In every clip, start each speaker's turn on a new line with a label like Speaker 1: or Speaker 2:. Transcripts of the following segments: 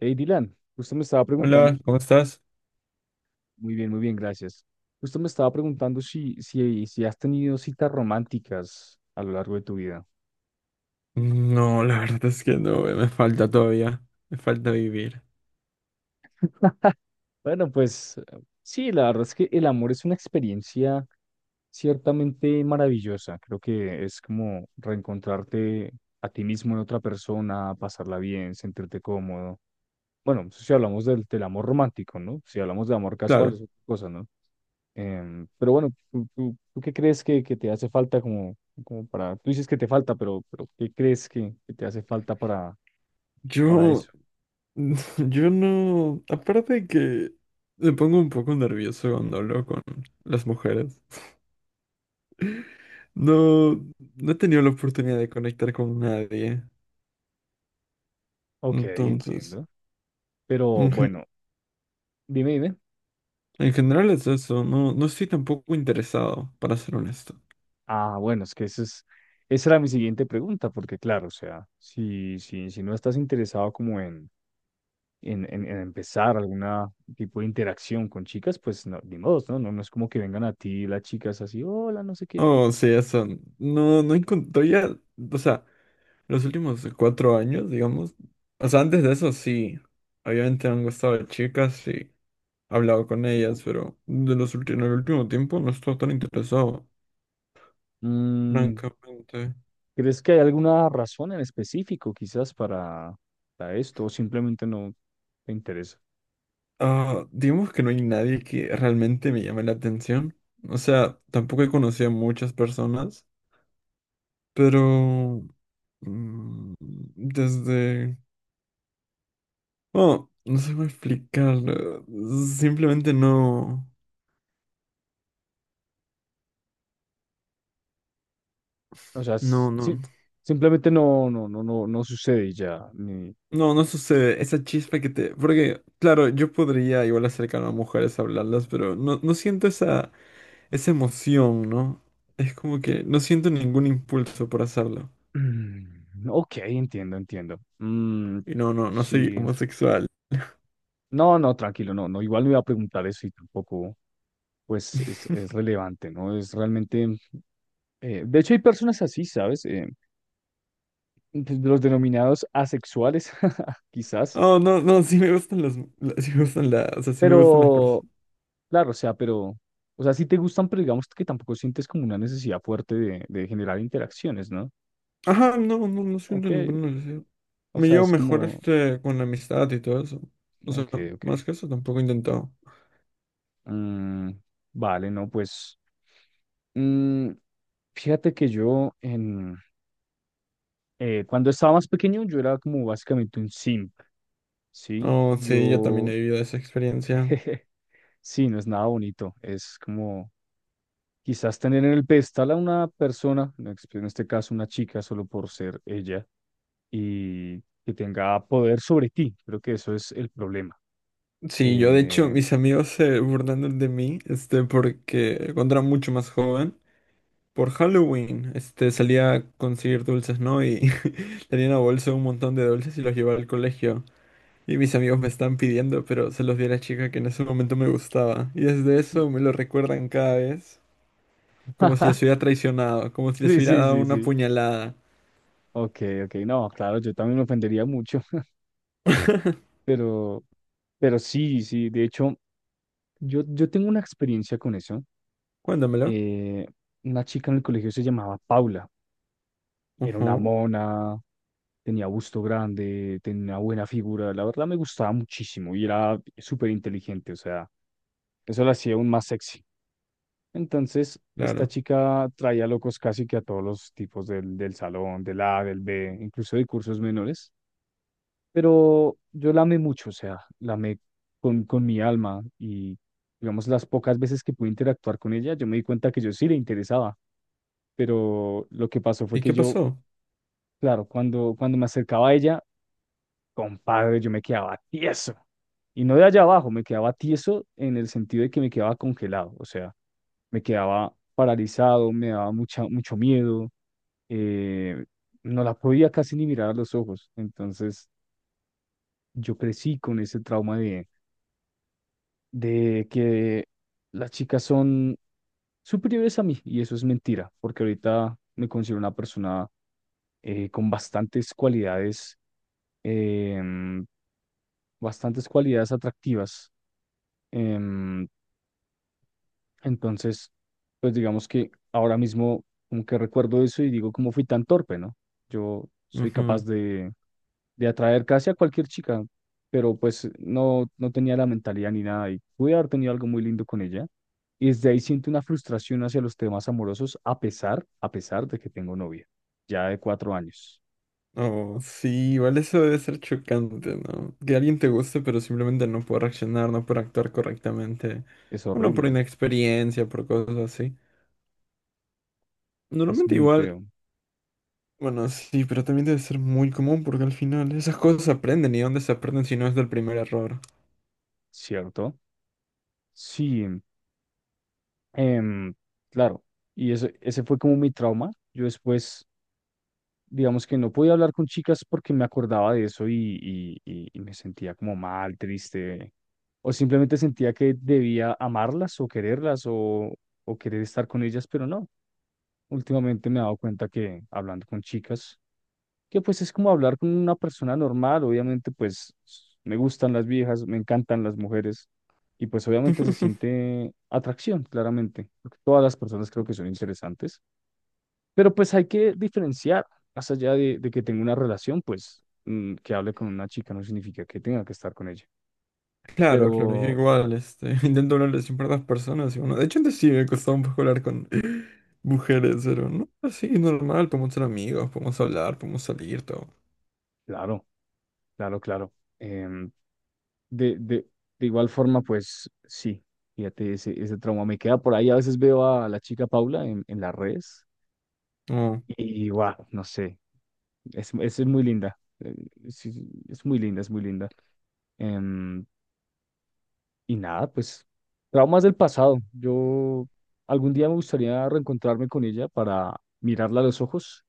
Speaker 1: Hey, Dylan, justo me estaba preguntando.
Speaker 2: Hola, ¿cómo estás?
Speaker 1: Muy bien, muy bien, gracias. Justo me estaba preguntando si has tenido citas románticas a lo largo de tu vida.
Speaker 2: No, la verdad es que no, me falta todavía, me falta vivir.
Speaker 1: Bueno, pues sí, la verdad es que el amor es una experiencia ciertamente maravillosa. Creo que es como reencontrarte a ti mismo en otra persona, pasarla bien, sentirte cómodo. Bueno, si hablamos del amor romántico, ¿no? Si hablamos de amor casual,
Speaker 2: Claro,
Speaker 1: es otra cosa, ¿no? Pero bueno, ¿tú qué crees que te hace falta como, como para... Tú dices que te falta, pero ¿qué crees que te hace falta para
Speaker 2: yo,
Speaker 1: eso?
Speaker 2: yo no, aparte de que me pongo un poco nervioso cuando hablo con las mujeres, no, no he tenido la oportunidad de conectar con nadie,
Speaker 1: OK,
Speaker 2: entonces,
Speaker 1: entiendo. Pero
Speaker 2: en, gen-
Speaker 1: bueno, dime, dime.
Speaker 2: en general es eso, no, no estoy tampoco interesado, para ser honesto.
Speaker 1: Ah, bueno, es que esa era mi siguiente pregunta, porque claro, o sea, si no estás interesado como en, en empezar alguna tipo de interacción con chicas, pues no, ni modo, ¿no? No, no es como que vengan a ti las chicas así, hola, no sé qué.
Speaker 2: Oh, sí, eso, no, no encontré, o sea, los últimos cuatro años, digamos. O sea, antes de eso sí. Obviamente me han gustado chicas y he hablado con ellas, pero de los últimos, en el último tiempo no estoy tan interesado,
Speaker 1: Mm,
Speaker 2: francamente.
Speaker 1: ¿Crees que hay alguna razón en específico quizás para esto o simplemente no te interesa?
Speaker 2: Ah, digamos que no hay nadie que realmente me llame la atención. O sea, tampoco he conocido a muchas personas, pero mm, desde... Bueno, no sé cómo explicar. Simplemente no...
Speaker 1: O sea,
Speaker 2: No,
Speaker 1: s-
Speaker 2: no.
Speaker 1: sí, simplemente no sucede y ya. Ni...
Speaker 2: No, no sucede. Esa chispa que te... Porque, claro, yo podría igual acercarme a mujeres a hablarlas, pero no, no siento esa, esa emoción, ¿no? Es como que no siento ningún impulso por hacerlo.
Speaker 1: Mm, OK, entiendo, entiendo. Mm,
Speaker 2: Y no, no, no soy
Speaker 1: sí.
Speaker 2: homosexual.
Speaker 1: No, no, tranquilo, no, no. Igual no iba a preguntar eso y tampoco, pues, es relevante, ¿no? Es realmente... de hecho, hay personas así, ¿sabes? Pues, los denominados asexuales, quizás.
Speaker 2: Oh, no, no, Sí me gustan las... O sea, sí me gustan las
Speaker 1: Pero
Speaker 2: personas.
Speaker 1: claro, o sea, pero, o sea, sí te gustan, pero digamos que tampoco sientes como una necesidad fuerte de generar interacciones, ¿no?
Speaker 2: Ajá, no, no, no siento
Speaker 1: OK,
Speaker 2: ninguna necesidad.
Speaker 1: o
Speaker 2: Me
Speaker 1: sea,
Speaker 2: llevo
Speaker 1: es
Speaker 2: mejor
Speaker 1: como,
Speaker 2: este con la amistad y todo eso. O sea,
Speaker 1: OK, OK.
Speaker 2: más que eso tampoco he intentado.
Speaker 1: Mm, vale, no, pues, mm, fíjate que yo, cuando estaba más pequeño, yo era como básicamente un simp, ¿sí?
Speaker 2: Oh, sí, yo también
Speaker 1: Yo,
Speaker 2: he vivido esa experiencia.
Speaker 1: sí, no es nada bonito, es como quizás tener en el pedestal a una persona, en este caso una chica, solo por ser ella, y que tenga poder sobre ti. Creo que eso es el problema.
Speaker 2: Sí, yo de hecho
Speaker 1: Eh,
Speaker 2: mis amigos se burlaron de mí, este, porque cuando era mucho más joven, por Halloween, este, salía a conseguir dulces, ¿no? Y tenía una bolsa un montón de dulces y los llevaba al colegio. Y mis amigos me estaban pidiendo, pero se los di a la chica que en ese momento me gustaba. Y desde eso me lo recuerdan cada vez, como si les hubiera traicionado, como si les
Speaker 1: Sí,
Speaker 2: hubiera
Speaker 1: sí,
Speaker 2: dado
Speaker 1: sí,
Speaker 2: una
Speaker 1: sí.
Speaker 2: puñalada.
Speaker 1: OK, OK. No, claro, yo también me ofendería mucho, pero, pero sí, sí. De hecho, yo tengo una experiencia con eso.
Speaker 2: Cuéntamelo.
Speaker 1: Eh, una chica en el colegio se llamaba Paula. Era una
Speaker 2: Ujú,
Speaker 1: mona, tenía busto grande, tenía una buena figura. La verdad me gustaba muchísimo y era súper inteligente. O sea, eso la hacía aún más sexy. Entonces, esta
Speaker 2: claro.
Speaker 1: chica traía locos casi que a todos los tipos del salón, del A, del B, incluso de cursos menores. Pero yo la amé mucho, o sea, la amé con mi alma y, digamos, las pocas veces que pude interactuar con ella, yo me di cuenta que yo sí le interesaba. Pero lo que pasó fue
Speaker 2: ¿Y
Speaker 1: que
Speaker 2: qué
Speaker 1: yo...
Speaker 2: pasó?
Speaker 1: Claro, cuando, cuando me acercaba a ella, compadre, yo me quedaba tieso. Y no de allá abajo, me quedaba tieso en el sentido de que me quedaba congelado, o sea, me quedaba paralizado, me daba mucho miedo, eh, no la podía casi ni mirar a los ojos. Entonces, yo crecí con ese trauma de que las chicas son superiores a mí, y eso es mentira, porque ahorita me considero una persona con bastantes cualidades, em, bastantes cualidades atractivas. Em, entonces, pues digamos que ahora mismo como que recuerdo eso y digo, ¿cómo fui tan torpe, no? Yo soy capaz de atraer casi a cualquier chica, pero pues no, no tenía la mentalidad ni nada y pude haber tenido algo muy lindo con ella. Y desde ahí siento una frustración hacia los temas amorosos, a pesar de que tengo novia, ya de 4 años.
Speaker 2: Oh, sí, igual eso debe ser chocante, ¿no? Que alguien te guste, pero simplemente no puede reaccionar, no puede actuar correctamente.
Speaker 1: Es
Speaker 2: Bueno, por
Speaker 1: horrible,
Speaker 2: inexperiencia, por cosas así.
Speaker 1: es
Speaker 2: Normalmente
Speaker 1: muy
Speaker 2: igual,
Speaker 1: feo,
Speaker 2: bueno, sí, pero también debe ser muy común porque al final esas cosas se aprenden y dónde se aprenden si no es del primer error.
Speaker 1: ¿cierto? Sí. Em, claro, y ese fue como mi trauma. Yo después, digamos que no podía hablar con chicas porque me acordaba de eso y me sentía como mal, triste, o simplemente sentía que debía amarlas o quererlas o querer estar con ellas, pero no. Últimamente me he dado cuenta que hablando con chicas que pues es como hablar con una persona normal, obviamente pues me gustan las viejas, me encantan las mujeres y pues obviamente se siente atracción, claramente, porque todas las personas creo que son interesantes, pero pues hay que diferenciar, más allá de que tenga una relación, pues que hable con una chica no significa que tenga que estar con ella,
Speaker 2: Claro, claro, yo
Speaker 1: pero
Speaker 2: igual, este, intento hablarle siempre a las personas y bueno, de hecho antes sí me costaba un poco hablar con mujeres, pero no, así normal, podemos ser amigos, podemos hablar, podemos salir, todo.
Speaker 1: claro, claro, claro. em, de, de, de igual forma, pues sí. Fíjate, ese trauma me queda por ahí. A veces veo a la chica Paula en las redes.
Speaker 2: Oh,
Speaker 1: Y wow, no sé, es muy linda, es, es muy linda, es muy linda. Em, y nada, pues traumas del pasado. Yo algún día me gustaría reencontrarme con ella para mirarla a los ojos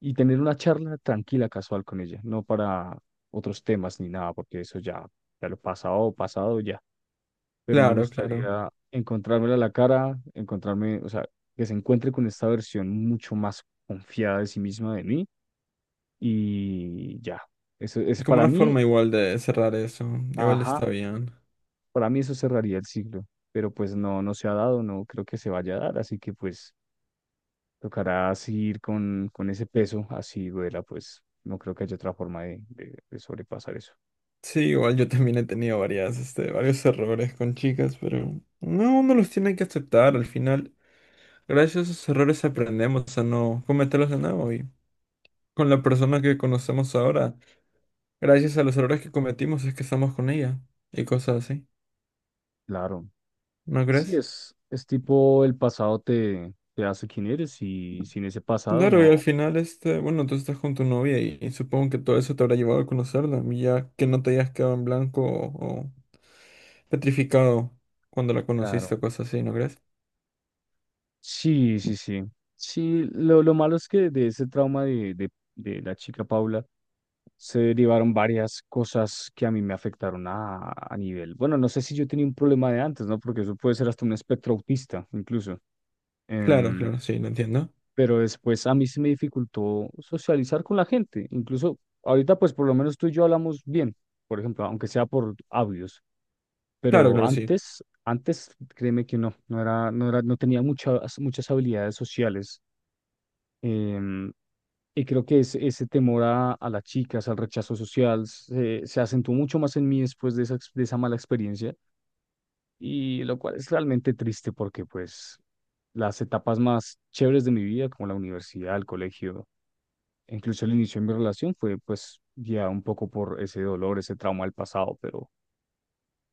Speaker 1: y tener una charla tranquila, casual con ella, no para otros temas ni nada, porque eso ya, ya lo pasado, pasado ya. Pero me
Speaker 2: claro, claro.
Speaker 1: gustaría encontrármela a la cara, encontrarme, o sea, que se encuentre con esta versión mucho más confiada de sí misma de mí y ya. Eso es
Speaker 2: Como
Speaker 1: para
Speaker 2: una
Speaker 1: mí,
Speaker 2: forma igual de cerrar eso. Igual está
Speaker 1: ajá,
Speaker 2: bien.
Speaker 1: para mí eso cerraría el siglo, pero pues no, no se ha dado, no creo que se vaya a dar, así que pues tocará seguir con ese peso, así duela, pues no creo que haya otra forma de, de sobrepasar eso.
Speaker 2: Sí, igual yo también he tenido varias, este, varios errores con chicas, pero no, uno los tiene que aceptar al final. Gracias a esos errores aprendemos a no cometerlos de nuevo y con la persona que conocemos ahora, gracias a los errores que cometimos es que estamos con ella y cosas así,
Speaker 1: Claro,
Speaker 2: ¿no
Speaker 1: sí,
Speaker 2: crees?
Speaker 1: es tipo el pasado te hace quien eres y sin ese pasado
Speaker 2: Claro, y
Speaker 1: no,
Speaker 2: al final, este, bueno, tú estás con tu novia y supongo que todo eso te habrá llevado a conocerla, y ya que no te hayas quedado en blanco o petrificado cuando la conociste
Speaker 1: claro.
Speaker 2: o cosas así, ¿no crees?
Speaker 1: Sí, sí, sí. Sí, lo malo es que de ese trauma de la chica Paula, se derivaron varias cosas que a mí me afectaron a nivel. Bueno, no sé si yo tenía un problema de antes, ¿no? Porque eso puede ser hasta un espectro autista, incluso.
Speaker 2: Claro,
Speaker 1: Em,
Speaker 2: claro, sí, lo entiendo.
Speaker 1: pero después a mí se me dificultó socializar con la gente. Incluso ahorita, pues por lo menos tú y yo hablamos bien, por ejemplo, aunque sea por audios.
Speaker 2: Claro,
Speaker 1: Pero
Speaker 2: claro, sí.
Speaker 1: antes, antes, créeme que no era, no era, no tenía muchas, muchas habilidades sociales. Em, y creo que ese temor a las chicas, al rechazo social, se acentuó mucho más en mí después de esa mala experiencia, y lo cual es realmente triste porque pues las etapas más chéveres de mi vida, como la universidad, el colegio, e incluso el inicio de mi relación, fue pues ya un poco por ese dolor, ese trauma del pasado, pero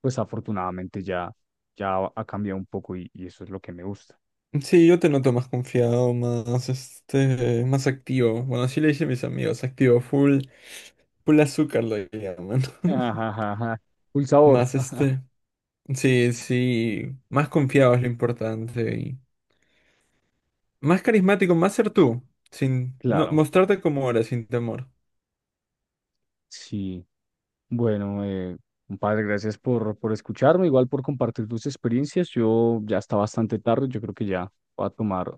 Speaker 1: pues afortunadamente ya, ya ha cambiado un poco y eso es lo que me gusta.
Speaker 2: Sí, yo te noto más confiado, más este, más activo. Bueno, así le dicen mis amigos, activo, full, full azúcar lo llaman.
Speaker 1: Ajá, un sabor,
Speaker 2: Más este, sí, sí, más confiado es lo importante y más carismático, más ser tú, sin no,
Speaker 1: claro.
Speaker 2: mostrarte como eres, sin temor.
Speaker 1: Sí. Bueno, compadre, gracias por escucharme, igual por compartir tus experiencias. Yo ya está bastante tarde, yo creo que ya voy a tomar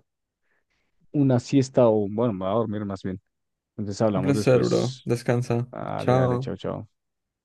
Speaker 1: una siesta o, bueno, me voy a dormir más bien. Entonces
Speaker 2: Un
Speaker 1: hablamos
Speaker 2: placer, bro.
Speaker 1: después.
Speaker 2: Descansa.
Speaker 1: Dale, dale,
Speaker 2: Chao.
Speaker 1: chao, chao.